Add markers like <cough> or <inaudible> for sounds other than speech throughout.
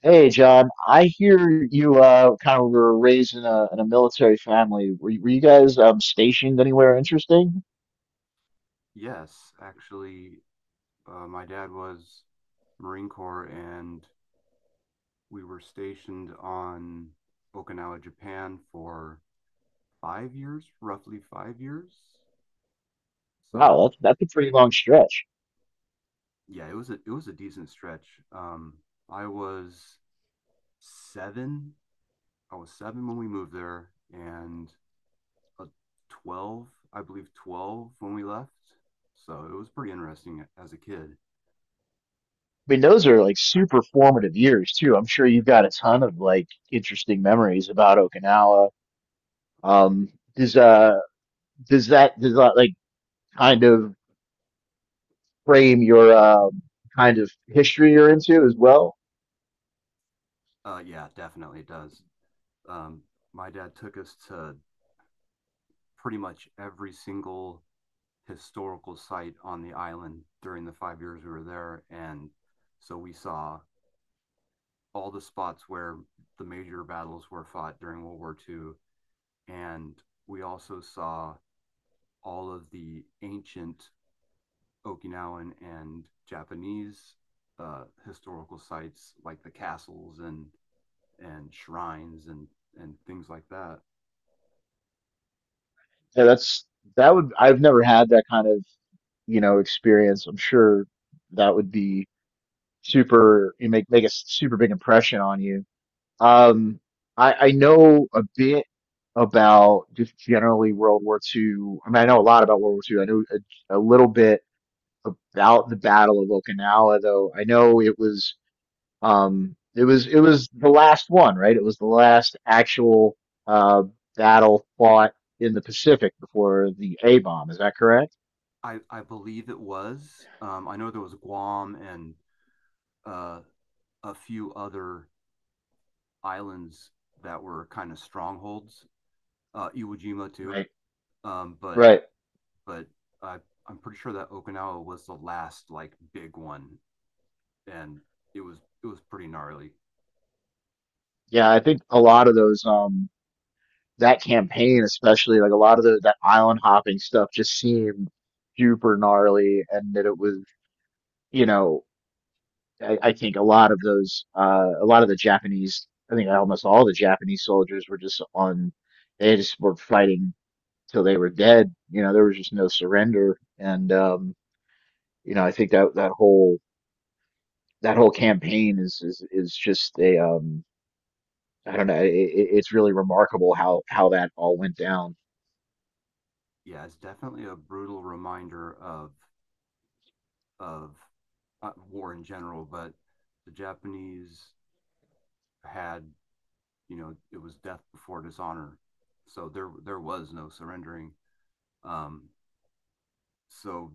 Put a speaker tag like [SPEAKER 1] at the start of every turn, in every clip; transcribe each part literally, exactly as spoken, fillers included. [SPEAKER 1] Hey John, I hear you uh kind of were raised in a in a military family. Were you, were you guys um stationed anywhere interesting?
[SPEAKER 2] Yes, actually, uh, my dad was Marine Corps, and we were stationed on Okinawa, Japan for five years, roughly five years. So
[SPEAKER 1] Wow, that's that's a pretty long stretch.
[SPEAKER 2] yeah, it was a it was a decent stretch. Um, I was seven. I was seven when we moved there, and a twelve, I believe, twelve when we left. So it was pretty interesting as a kid.
[SPEAKER 1] I mean, those are like super formative years too. I'm sure you've got a ton of like interesting memories about Okinawa. Um, does uh does that does that like kind of frame your um kind of history you're into as well?
[SPEAKER 2] Uh, yeah, definitely it does. Um, my dad took us to pretty much every single historical site on the island during the five years we were there, and so we saw all the spots where the major battles were fought during World War two, and we also saw all of the ancient Okinawan and Japanese uh, historical sites like the castles and and shrines and and things like that.
[SPEAKER 1] Yeah, that's that would I've never had that kind of, you know, experience. I'm sure that would be super, you make make a super big impression on you. Um, I I know a bit about just generally World War Two. I mean, I know a lot about World War Two. I know a, a little bit about the Battle of Okinawa, though. I know it was um it was it was the last one, right? It was the last actual uh battle fought in the Pacific before the A bomb. Is that correct?
[SPEAKER 2] I I believe it was. Um, I know there was Guam and uh, a few other islands that were kind of strongholds. Uh, Iwo Jima too.
[SPEAKER 1] Right.
[SPEAKER 2] Um, but
[SPEAKER 1] Right.
[SPEAKER 2] but I I'm pretty sure that Okinawa was the last like big one, and it was it was pretty gnarly.
[SPEAKER 1] Yeah, I think a lot of those. Um, that campaign especially, like a lot of the, that island hopping stuff just seemed super gnarly. And that it was, you know, I, I think a lot of those uh a lot of the Japanese, I think almost all the Japanese soldiers were just on, they just were fighting till they were dead. You know, there was just no surrender. And um you know, I think that that whole that whole campaign is is is just a, um I don't know, it, it- it's really remarkable how how that all went down.
[SPEAKER 2] Yeah, it's definitely a brutal reminder of of uh, war in general, but the Japanese had, you know, it was death before dishonor. So there there was no surrendering. Um, so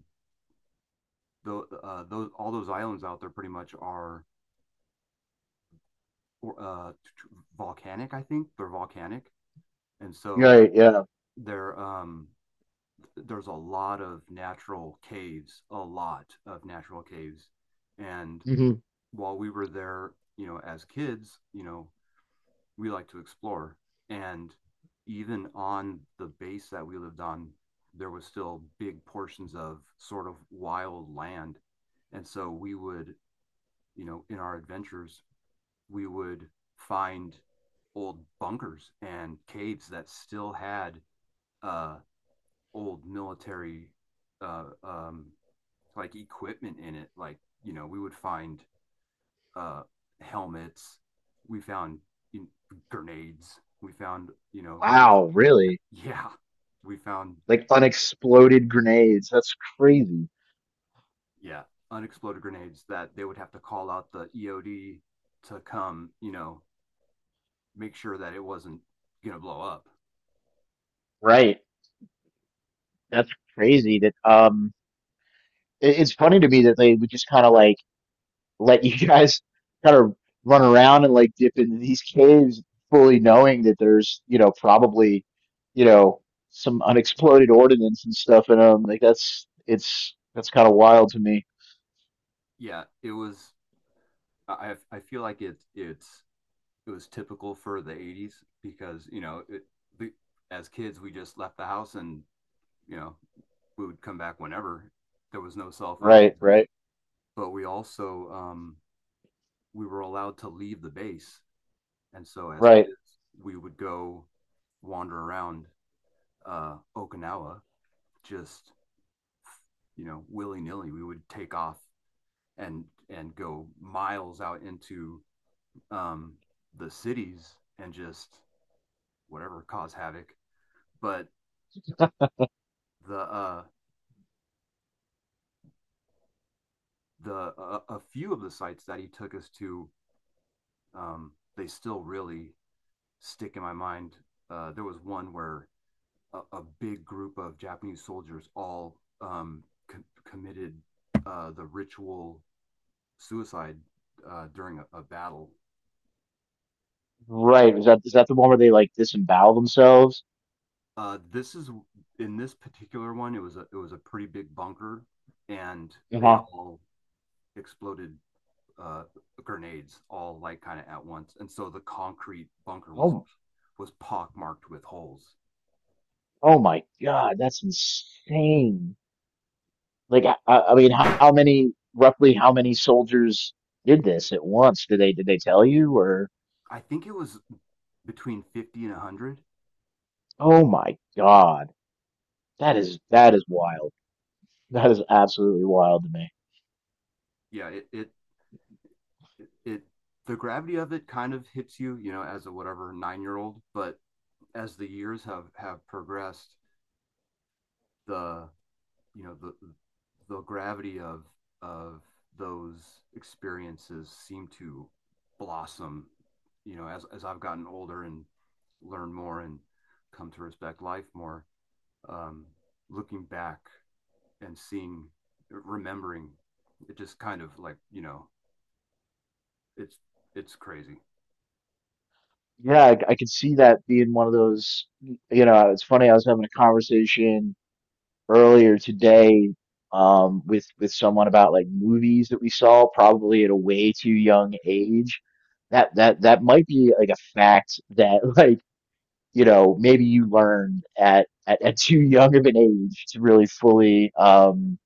[SPEAKER 2] the, uh, those all those islands out there pretty much are uh, volcanic. I think they're volcanic, and so
[SPEAKER 1] Right. Yeah.
[SPEAKER 2] there um, there's a lot of natural caves, a lot of natural caves, and while we were there, you know, as kids, you know, we like to explore. And even on the base that we lived on, there was still big portions of sort of wild land. And so we would, you know, in our adventures, we would find old bunkers and caves that still had uh, old military uh, um, like equipment in it. Like, you know, we would find uh, helmets. We found, you know, grenades. We found, you know, mess,
[SPEAKER 1] Wow,
[SPEAKER 2] me-
[SPEAKER 1] really?
[SPEAKER 2] yeah, we found,
[SPEAKER 1] Like unexploded grenades. That's crazy.
[SPEAKER 2] yeah, unexploded grenades that they would have to call out the E O D to come, you know, make sure that it wasn't going to blow up.
[SPEAKER 1] Right. That's crazy that um it, it's funny to me that they would just kind of like let <laughs> you guys kind of run around and like dip into these caves fully knowing that there's, you know, probably, you know, some unexploded ordnance and stuff in them. Like, that's, it's, that's kind of wild to me.
[SPEAKER 2] Yeah, it was. I I feel like it's it's it was typical for the eighties because you know it, the, as kids we just left the house and you know we would come back whenever there was no cell phones
[SPEAKER 1] Right,
[SPEAKER 2] and
[SPEAKER 1] right,
[SPEAKER 2] but we also, um, we were allowed to leave the base, and so as kids,
[SPEAKER 1] right,
[SPEAKER 2] we would go wander around uh, Okinawa, just you know willy nilly. We would take off and and go miles out into, um, the cities and just whatever cause havoc. But the uh, the uh, a few of the sites that he took us to, um, they still really stick in my mind. Uh, there was one where a, a big group of Japanese soldiers all, um, co- committed uh, the ritual suicide uh, during a, a battle.
[SPEAKER 1] right. Is that, is that the one where they like disembowel themselves?
[SPEAKER 2] Uh, this is, in this particular one, It was a it was a pretty big bunker, and they
[SPEAKER 1] Uh-huh.
[SPEAKER 2] all exploded, uh, grenades, all like kind of at once. And so the concrete bunker was
[SPEAKER 1] Oh.
[SPEAKER 2] was pockmarked with holes.
[SPEAKER 1] Oh my God, that's insane. Like, I, I I mean, how, how many, roughly how many soldiers did this at once? Did they, did they tell you or?
[SPEAKER 2] I think it was between fifty and a hundred.
[SPEAKER 1] Oh my God. That is, that is wild. That is absolutely wild to me.
[SPEAKER 2] Yeah, it, it it, it the gravity of it kind of hits you, you know, as a whatever nine year old. But as the years have have progressed, the you know the the gravity of of those experiences seem to blossom, you know, as as I've gotten older and learned more and come to respect life more. Um, Looking back and seeing, remembering, it just kind of like, you know, it's it's crazy.
[SPEAKER 1] Yeah, I, I could see that being one of those, you know. It's funny, I was having a conversation earlier today, um, with, with someone about like movies that we saw probably at a way too young age, that that that might be like a fact that <laughs> like, you know, maybe you learn at, at, at too young of an age to really fully, um,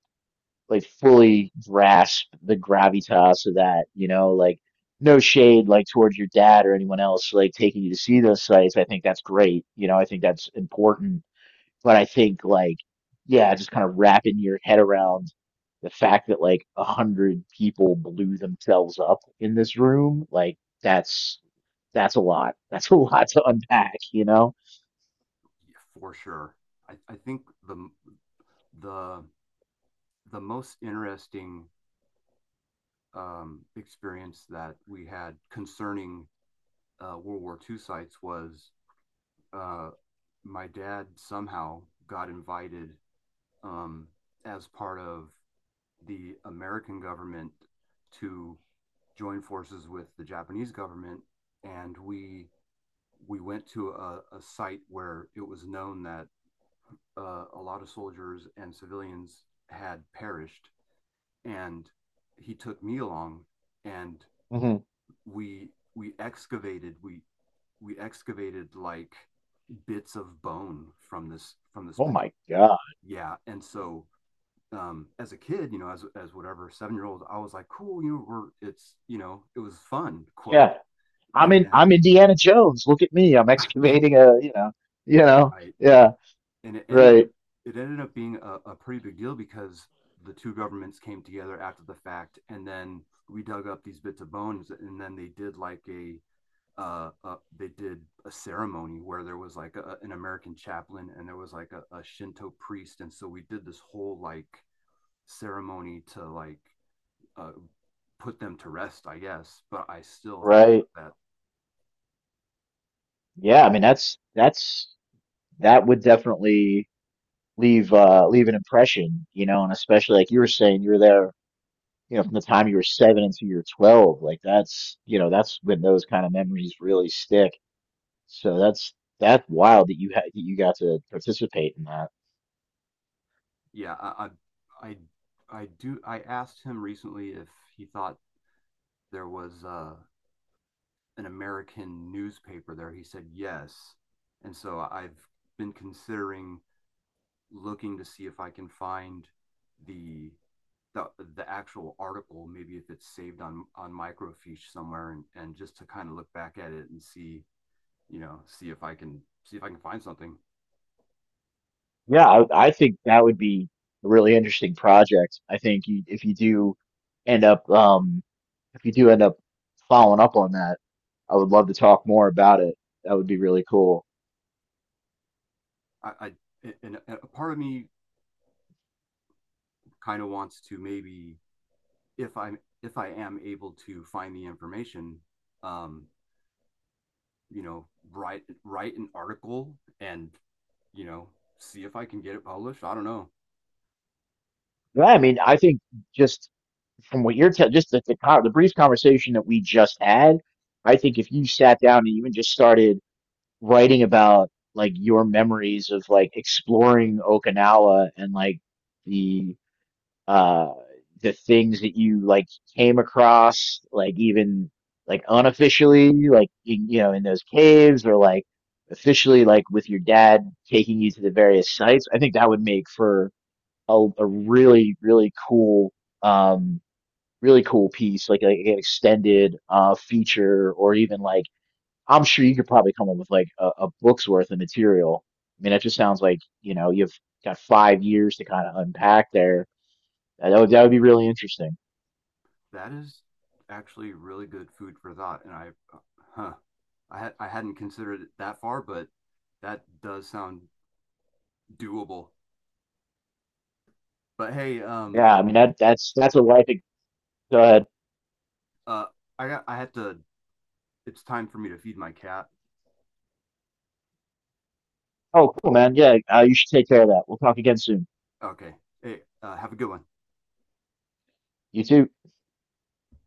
[SPEAKER 1] like fully grasp the gravitas of that, you know. Like, no shade, like towards your dad or anyone else, like taking you to see those sites. I think that's great. You know, I think that's important. But I think like, yeah, just kind of wrapping your head around the fact that like a hundred people blew themselves up in this room, like, that's, that's a lot. That's a lot to unpack, you know?
[SPEAKER 2] For sure. I, I think the the the most interesting um, experience that we had concerning uh, World War two sites was, uh, my dad somehow got invited, um, as part of the American government to join forces with the Japanese government, and we we went to a, a site where it was known that uh, a lot of soldiers and civilians had perished, and he took me along, and we we excavated we we excavated like bits of bone from this from this
[SPEAKER 1] Oh
[SPEAKER 2] particular,
[SPEAKER 1] my God.
[SPEAKER 2] yeah, and so, um as a kid, you know, as as whatever seven year old, I was like, cool, you know, we're, it's, you know, it was fun, quote,
[SPEAKER 1] Yeah. I'm
[SPEAKER 2] and
[SPEAKER 1] in,
[SPEAKER 2] then
[SPEAKER 1] I'm Indiana Jones. Look at me. I'm
[SPEAKER 2] <laughs> yeah,
[SPEAKER 1] excavating a, you know, you know.
[SPEAKER 2] right,
[SPEAKER 1] Yeah.
[SPEAKER 2] and it ended up,
[SPEAKER 1] Right.
[SPEAKER 2] it ended up being a, a pretty big deal because the two governments came together after the fact, and then we dug up these bits of bones, and then they did like a, uh, uh, they did a ceremony where there was like a, an American chaplain, and there was like a, a Shinto priest, and so we did this whole like ceremony to like, uh, put them to rest, I guess. But I still think
[SPEAKER 1] Right.
[SPEAKER 2] about that.
[SPEAKER 1] Yeah, I mean that's that's that would definitely leave uh leave an impression, you know. And especially like you were saying, you were there, you know, from the time you were seven until you were twelve. Like, that's, you know, that's when those kind of memories really stick. So that's that's wild that you had, that you got to participate in that.
[SPEAKER 2] Yeah, I, I, I, I do. I asked him recently if he thought there was, uh, an American newspaper there. He said yes, and so I've been considering looking to see if I can find the the the actual article, maybe if it's saved on on microfiche somewhere, and and just to kind of look back at it and see, you know, see if I can, see if I can find something.
[SPEAKER 1] Yeah, I, I think that would be a really interesting project. I think you, if you do end up, um, if you do end up following up on that, I would love to talk more about it. That would be really cool.
[SPEAKER 2] I, I And a part of me kind of wants to maybe, if I'm if I am able to find the information, um, you know, write write an article and you know see if I can get it published. I don't know.
[SPEAKER 1] Yeah, I mean, I think just from what you're telling, just the, the con- the brief conversation that we just had, I think if you sat down and even just started writing about like your memories of like exploring Okinawa and like the uh the things that you like came across, like even like unofficially, like in, you know, in those caves, or like officially like with your dad taking you to the various sites, I think that would make for a, a really really cool um really cool piece, like, like an extended uh feature, or even like, I'm sure you could probably come up with like a, a book's worth of material. I mean, that just sounds like, you know, you've got five years to kind of unpack there. Yeah, that would, that would be really interesting.
[SPEAKER 2] That is actually really good food for thought, and I, huh, I had I hadn't considered it that far, but that does sound doable. But hey, um,
[SPEAKER 1] Yeah, I mean that that's that's a life. Go ahead.
[SPEAKER 2] uh, I got I have to. It's time for me to feed my cat.
[SPEAKER 1] Oh, cool, man. Yeah, uh, you should take care of that. We'll talk again soon.
[SPEAKER 2] Okay. Hey, uh, have a good one.
[SPEAKER 1] You too.